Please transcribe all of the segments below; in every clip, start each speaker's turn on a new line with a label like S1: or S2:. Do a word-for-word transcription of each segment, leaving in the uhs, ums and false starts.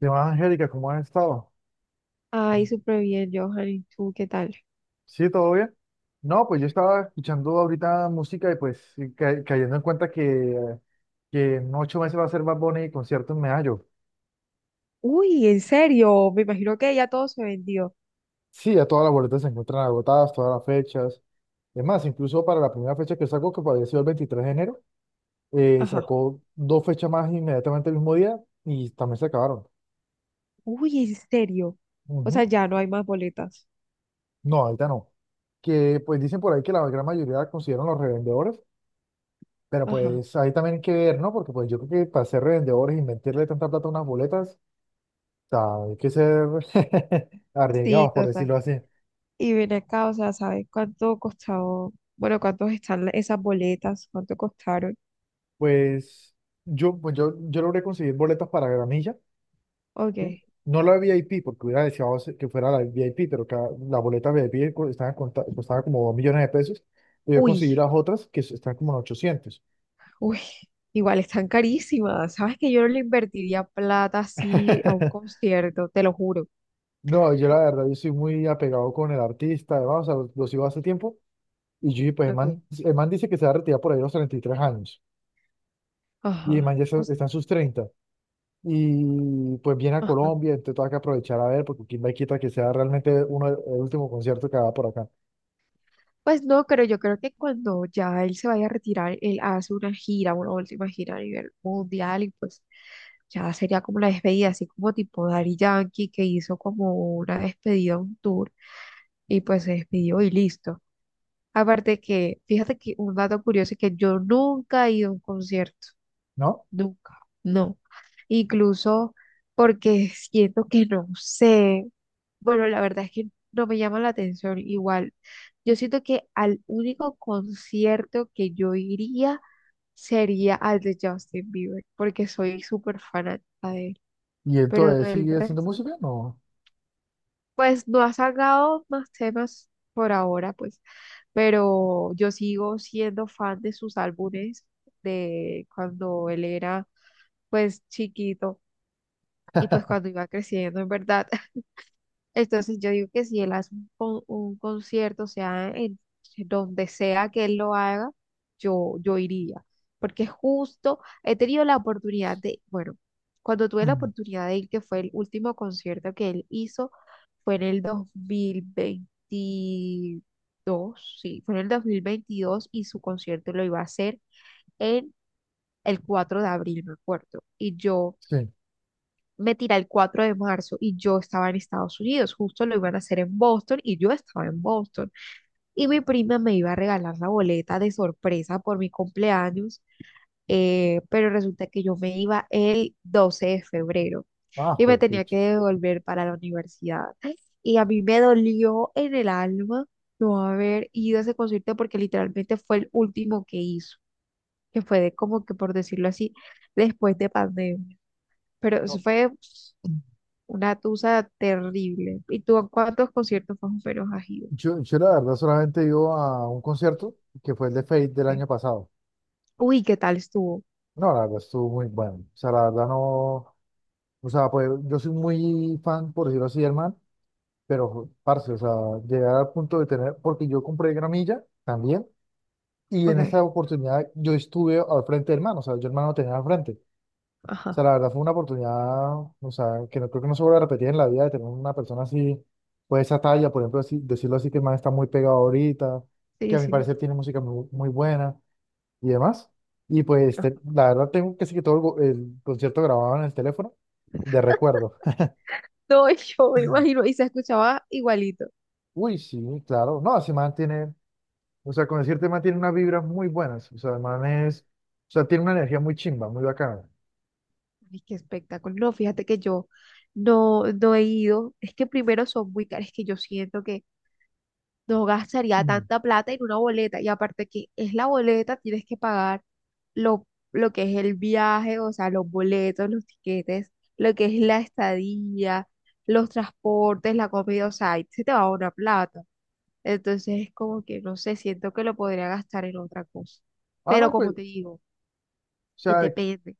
S1: ¿Qué más, Angélica? ¿Cómo has estado?
S2: Ay, súper bien, Johan. ¿Y tú qué tal?
S1: ¿Sí, todo bien? No, pues yo estaba escuchando ahorita música y pues y ca- cayendo en cuenta que, eh, que en ocho meses va a ser Bad Bunny y concierto en Medallo.
S2: Uy, en serio. Me imagino que ya todo se vendió.
S1: Sí, ya todas las boletas se encuentran agotadas, todas las fechas. Es más, incluso para la primera fecha que sacó, que había sido el veintitrés de enero, eh,
S2: Ajá.
S1: sacó dos fechas más inmediatamente el mismo día y también se acabaron.
S2: Uy, en serio. O sea,
S1: Ujú.
S2: ya no hay más boletas.
S1: No, ahorita no. Que pues dicen por ahí que la gran mayoría la consideran los revendedores. Pero
S2: Ajá.
S1: pues ahí también hay que ver, ¿no? Porque pues yo creo que para ser revendedores y invertirle tanta plata a unas boletas, o sea, hay que ser
S2: Sí,
S1: arriesgados, por
S2: total.
S1: decirlo así.
S2: Y ven acá, o sea, ¿sabes cuánto costó? Bueno, ¿cuántos están la- esas boletas? ¿Cuánto costaron?
S1: Pues yo, pues yo, yo logré conseguir boletas para gramilla, ¿sí?
S2: Ok.
S1: No la V I P, porque hubiera deseado se- que fuera la V I P, pero cada, la boleta V I P co- estaba, conta- costaba como dos millones de pesos. Y yo
S2: Uy,
S1: conseguí las otras que s- están como en ochocientos.
S2: uy. Igual están carísimas. ¿Sabes que yo no le invertiría plata así a un concierto? Te lo juro.
S1: No, yo la verdad, yo soy muy apegado con el artista, además, o sea, los los sigo hace tiempo. Y yo dije, pues el
S2: Ok.
S1: man, el man dice que se va a retirar por ahí a los treinta y tres años. Y
S2: Ajá.
S1: el man ya
S2: O
S1: está,
S2: s-
S1: está en sus treinta. Y pues viene a Colombia, entonces tengo que aprovechar a ver, porque quién va y quita que sea realmente uno, el último concierto que haga por acá,
S2: Pues no, pero yo creo que cuando ya él se vaya a retirar, él hace una gira, una última gira a nivel mundial y pues ya sería como la despedida, así como tipo Daddy Yankee que hizo como una despedida, un tour y pues se despidió y listo. Aparte que, fíjate que un dato curioso es que yo nunca he ido a un concierto,
S1: ¿no?
S2: nunca, no. Incluso porque siento que no sé. Bueno, la verdad es que no me llama la atención igual. Yo siento que al único concierto que yo iría sería al de Justin Bieber, porque soy súper fanática de él,
S1: Y
S2: pero
S1: entonces,
S2: del
S1: ¿sigue haciendo
S2: resto no.
S1: música? No.
S2: Pues no ha sacado más temas por ahora, pues, pero yo sigo siendo fan de sus álbumes de cuando él era, pues, chiquito y pues cuando iba creciendo, en verdad. Entonces yo digo que si él hace un, con- un concierto, o sea en donde sea que él lo haga, yo, yo iría. Porque justo he tenido la oportunidad de, bueno, cuando tuve la
S1: Mm.
S2: oportunidad de ir, que fue el último concierto que él hizo, fue en el dos mil veintidós, sí, fue en el dos mil veintidós y su concierto lo iba a hacer en el cuatro de abril, me acuerdo. Y yo
S1: Sí.
S2: me tiré el cuatro de marzo y yo estaba en Estados Unidos, justo lo iban a hacer en Boston y yo estaba en Boston. Y mi prima me iba a regalar la boleta de sorpresa por mi cumpleaños, eh, pero resulta que yo me iba el doce de febrero
S1: Ah,
S2: y me tenía
S1: perfecto.
S2: que devolver para la universidad. Y a mí me dolió en el alma no haber ido a ese concierto porque literalmente fue el último que hizo, que fue de como que por decirlo así, después de pandemia. Pero eso
S1: No.
S2: fue una tusa terrible. ¿Y tú a cuántos conciertos más o menos has ido?
S1: Yo, yo la verdad solamente he ido a un concierto que fue el de Fate del
S2: Ok.
S1: año pasado.
S2: Uy, ¿qué tal estuvo?
S1: No, la verdad estuvo muy bueno. O sea, la verdad no. O sea, pues yo soy muy fan, por decirlo así, hermano. Pero, parce, o sea, llegar al punto de tener, porque yo compré gramilla también, y en esta
S2: Ok,
S1: oportunidad yo estuve al frente del hermano, o sea, yo hermano lo tenía al frente. O
S2: ajá,
S1: sea, la verdad fue una oportunidad, o sea, que no creo que no se vuelva a repetir en la vida de tener una persona así, pues esa talla, por ejemplo, así, decirlo así, que el man está muy pegado ahorita, que
S2: sí,
S1: a mi
S2: sí.
S1: parecer tiene música muy, muy buena y demás. Y pues, te-
S2: Ajá.
S1: la verdad tengo casi que todo el, go- el concierto grabado en el teléfono de recuerdo.
S2: No, yo me imagino, y se escuchaba igualito.
S1: Uy, sí, claro. No, ese man tiene. O sea, con decirte, man, tiene unas vibras muy buenas. O sea, el man es, o sea, tiene una energía muy chimba, muy bacana.
S2: Ay, qué espectáculo. No, fíjate que yo no, no he ido. Es que primero son muy caros, es que yo siento que no gastaría
S1: Ujú.
S2: tanta plata en una boleta. Y aparte que es la boleta, tienes que pagar lo, lo que es el viaje, o sea, los boletos, los tiquetes, lo que es la estadía, los transportes, la comida, o sea, ahí se te va una plata. Entonces es como que, no sé, siento que lo podría gastar en otra cosa.
S1: Ah,
S2: Pero
S1: no, pues,
S2: como
S1: o
S2: te digo, eh,
S1: sea,
S2: depende.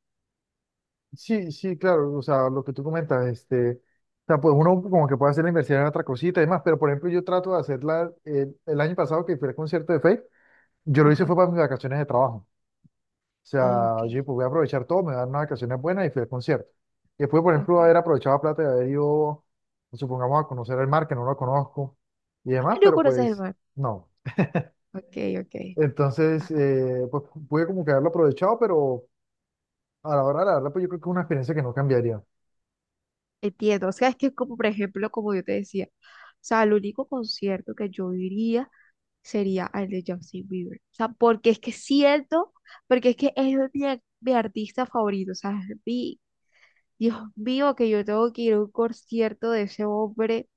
S1: sí, sí, claro, o sea, lo que tú comentas, este, o sea, pues uno como que puede hacer la inversión en otra cosita y demás, pero por ejemplo, yo trato de hacerla, el, el año pasado que fui al concierto de Fate, yo lo hice fue
S2: Ajá.
S1: para mis vacaciones de trabajo. O sea,
S2: Ok,
S1: yo dije, pues voy a aprovechar todo, me dan unas vacaciones buenas y fui al concierto. Y después, por ejemplo, haber
S2: ok.
S1: aprovechado la plata de haber ido, supongamos, a conocer el mar, que no lo conozco y
S2: Ah,
S1: demás,
S2: no
S1: pero
S2: conoces el
S1: pues,
S2: mar.
S1: no.
S2: Ok, ok.
S1: Entonces,
S2: Ah.
S1: eh, pues pude como que haberlo aprovechado, pero a la hora de la verdad, pues yo creo que es una experiencia que no cambiaría.
S2: Entiendo, o sea, es que como por ejemplo, como yo te decía, o sea, el único concierto que yo iría sería el de Justin Bieber, o sea, porque es que siento, porque es que es mi, ar- mi artista favorito, o sea, es mi, Dios mío, que yo tengo que ir a un concierto de ese hombre,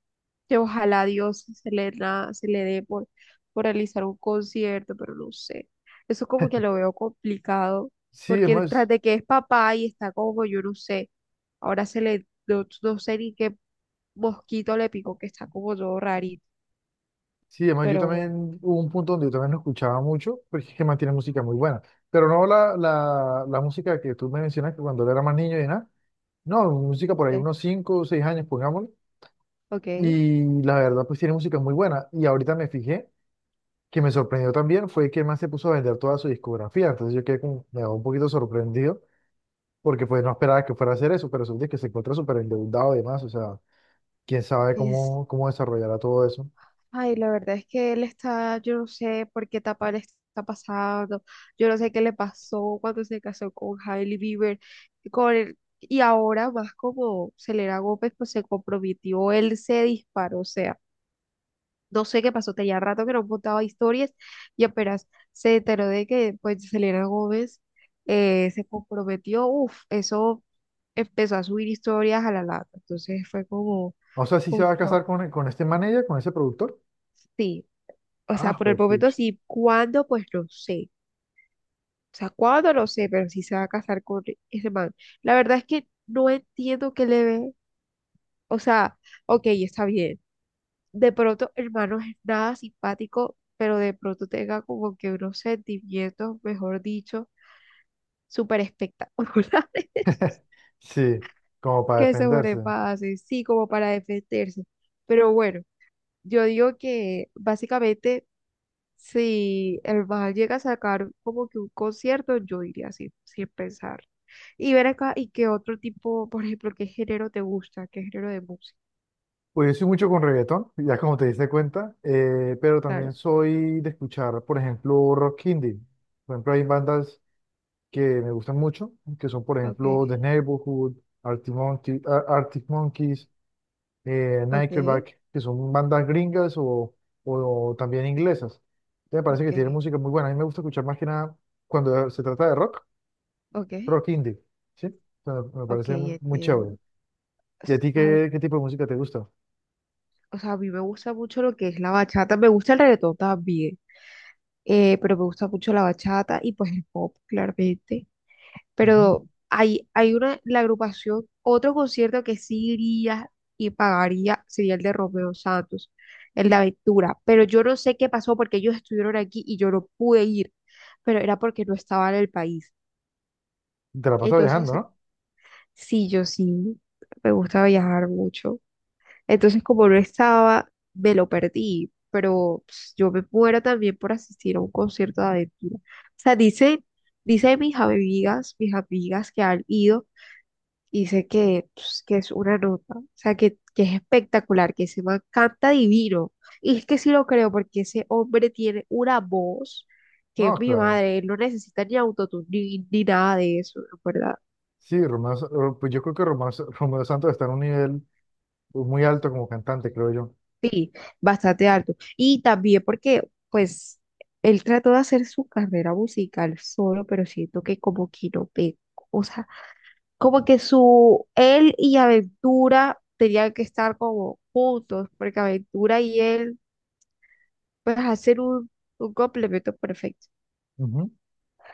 S2: que ojalá Dios se le, da- se le dé por, por realizar un concierto, pero no sé, eso como que lo veo complicado,
S1: Sí,
S2: porque tras
S1: además,
S2: de que es papá y está como, yo no sé, ahora se le no, no sé ni qué mosquito le picó que está como todo rarito,
S1: sí, además yo
S2: pero bueno,
S1: también, hubo un punto donde yo también lo escuchaba mucho, porque es que mantiene música muy buena, pero no la, la, la música que tú me mencionas, que cuando él era más niño y nada, no, música por ahí
S2: entonces,
S1: unos cinco o seis años, pongámoslo,
S2: ok.
S1: y la verdad, pues tiene música muy buena, y ahorita me fijé, que me sorprendió también, fue que más se puso a vender toda su discografía, entonces yo quedé como, me un poquito sorprendido porque pues no esperaba que fuera a hacer eso, pero resulta que se encuentra súper endeudado y demás, o sea, quién sabe
S2: Es,
S1: cómo, cómo desarrollará todo eso.
S2: ay, la verdad es que él está, yo no sé por qué etapa le está pasando, yo no sé qué le pasó cuando se casó con Hailey Bieber, con el- y ahora más como Selena Gómez, pues se comprometió, él se disparó, o sea. No sé qué pasó, tenía rato que no contaba historias y apenas se enteró de que pues Selena Gómez eh, se comprometió, uff, eso empezó a subir historias a la lata. Entonces fue como
S1: O sea, si se
S2: un
S1: va a casar
S2: shock.
S1: con, con este manager, con ese productor.
S2: Sí, o sea,
S1: Ah,
S2: por el
S1: pues
S2: momento
S1: pucha.
S2: sí, ¿cuándo? Pues no sé. O sea, ¿cuándo? No sé, pero sí se va a casar con ese man. La verdad es que no entiendo qué le ve. O sea, ok, está bien, de pronto el man no es nada simpático, pero de pronto tenga como que unos sentimientos, mejor dicho, súper espectaculares
S1: Sí, como para
S2: que
S1: defenderse.
S2: sobrepasen, sí, como para defenderse. Pero bueno, yo digo que básicamente si el man llega a sacar como que un concierto, yo diría así, sin pensar. Y ver acá, ¿y qué otro tipo, por ejemplo, qué género te gusta? ¿Qué género de música?
S1: Pues yo soy mucho con reggaetón, ya como te diste cuenta, eh, pero
S2: Claro,
S1: también soy de escuchar, por ejemplo, rock indie. Por ejemplo, hay bandas que me gustan mucho, que son, por
S2: ok,
S1: ejemplo, The Neighborhood, Arctic Monkey- Ar- Arctic Monkeys, eh,
S2: ok,
S1: Nickelback, que son bandas gringas o, o también inglesas. Entonces me parece que
S2: ok,
S1: tienen música muy buena. A mí me gusta escuchar más que nada cuando se trata de rock,
S2: ok,
S1: rock indie, ¿sí? O sea, me
S2: ok,
S1: parece mu- muy
S2: entiendo.
S1: chévere. ¿Y a ti
S2: ¿Sabes?
S1: qué, qué tipo de música te gusta?
S2: O sea, a mí me gusta mucho lo que es la bachata, me gusta el reggaetón también, eh, pero me gusta mucho la bachata y pues el pop, claramente.
S1: Ujú.
S2: Pero hay, hay una, la agrupación, otro concierto que sí iría y pagaría sería el de Romeo Santos, el de Aventura, pero yo no sé qué pasó porque ellos estuvieron aquí y yo no pude ir, pero era porque no estaba en el país.
S1: Te la pasas viajando,
S2: Entonces,
S1: ¿no?
S2: sí, yo sí, me gusta viajar mucho. Entonces, como no estaba, me lo perdí, pero pues, yo me muero también por asistir a un concierto de aventura. O sea, dice, dice mis amigas, mis amigas que han ido, dice que, pues, que es una nota, o sea, que, que es espectacular, que se man canta divino. Y es que sí lo creo, porque ese hombre tiene una voz que
S1: No,
S2: es mi
S1: claro.
S2: madre, él no necesita ni autotune ni, ni nada de eso, ¿verdad?
S1: Sí, Romeo, Sa- Ro- pues yo creo que Romeo, Sa- Romeo Santos está en un nivel muy alto como cantante, creo yo.
S2: Sí, bastante alto. Y también porque, pues, él trató de hacer su carrera musical solo, pero siento que como que no pegó. O sea, como que su, él y Aventura tenían que estar como juntos, porque Aventura y él, pues, hacen un, un complemento perfecto.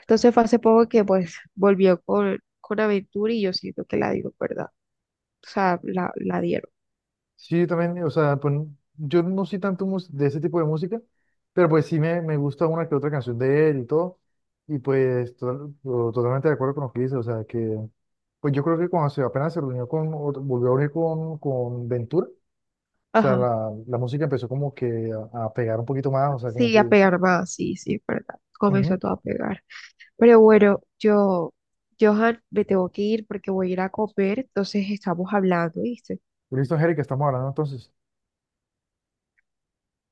S2: Entonces fue hace poco que, pues, volvió con, con Aventura y yo siento que la dio, ¿verdad? O sea, la, la dieron.
S1: Sí, yo también, o sea, pues yo no soy tanto mus- de ese tipo de música, pero pues sí me, me gusta una que otra canción de él y todo, y pues to- to- totalmente de acuerdo con lo que dice, o sea, que pues yo creo que cuando se, apenas se reunió con, o volvió a unir con, con Ventura, o sea,
S2: Ajá.
S1: la, la música empezó como que a, a pegar un poquito más, o sea, como
S2: Sí,
S1: que
S2: a
S1: es...
S2: pegar más, sí, sí, es verdad.
S1: Ujú.
S2: Comenzó todo a pegar. Pero bueno, yo, Johan, me tengo que ir porque voy a ir a comer, entonces estamos hablando, ¿viste?
S1: Listo, Angélica, estamos hablando entonces.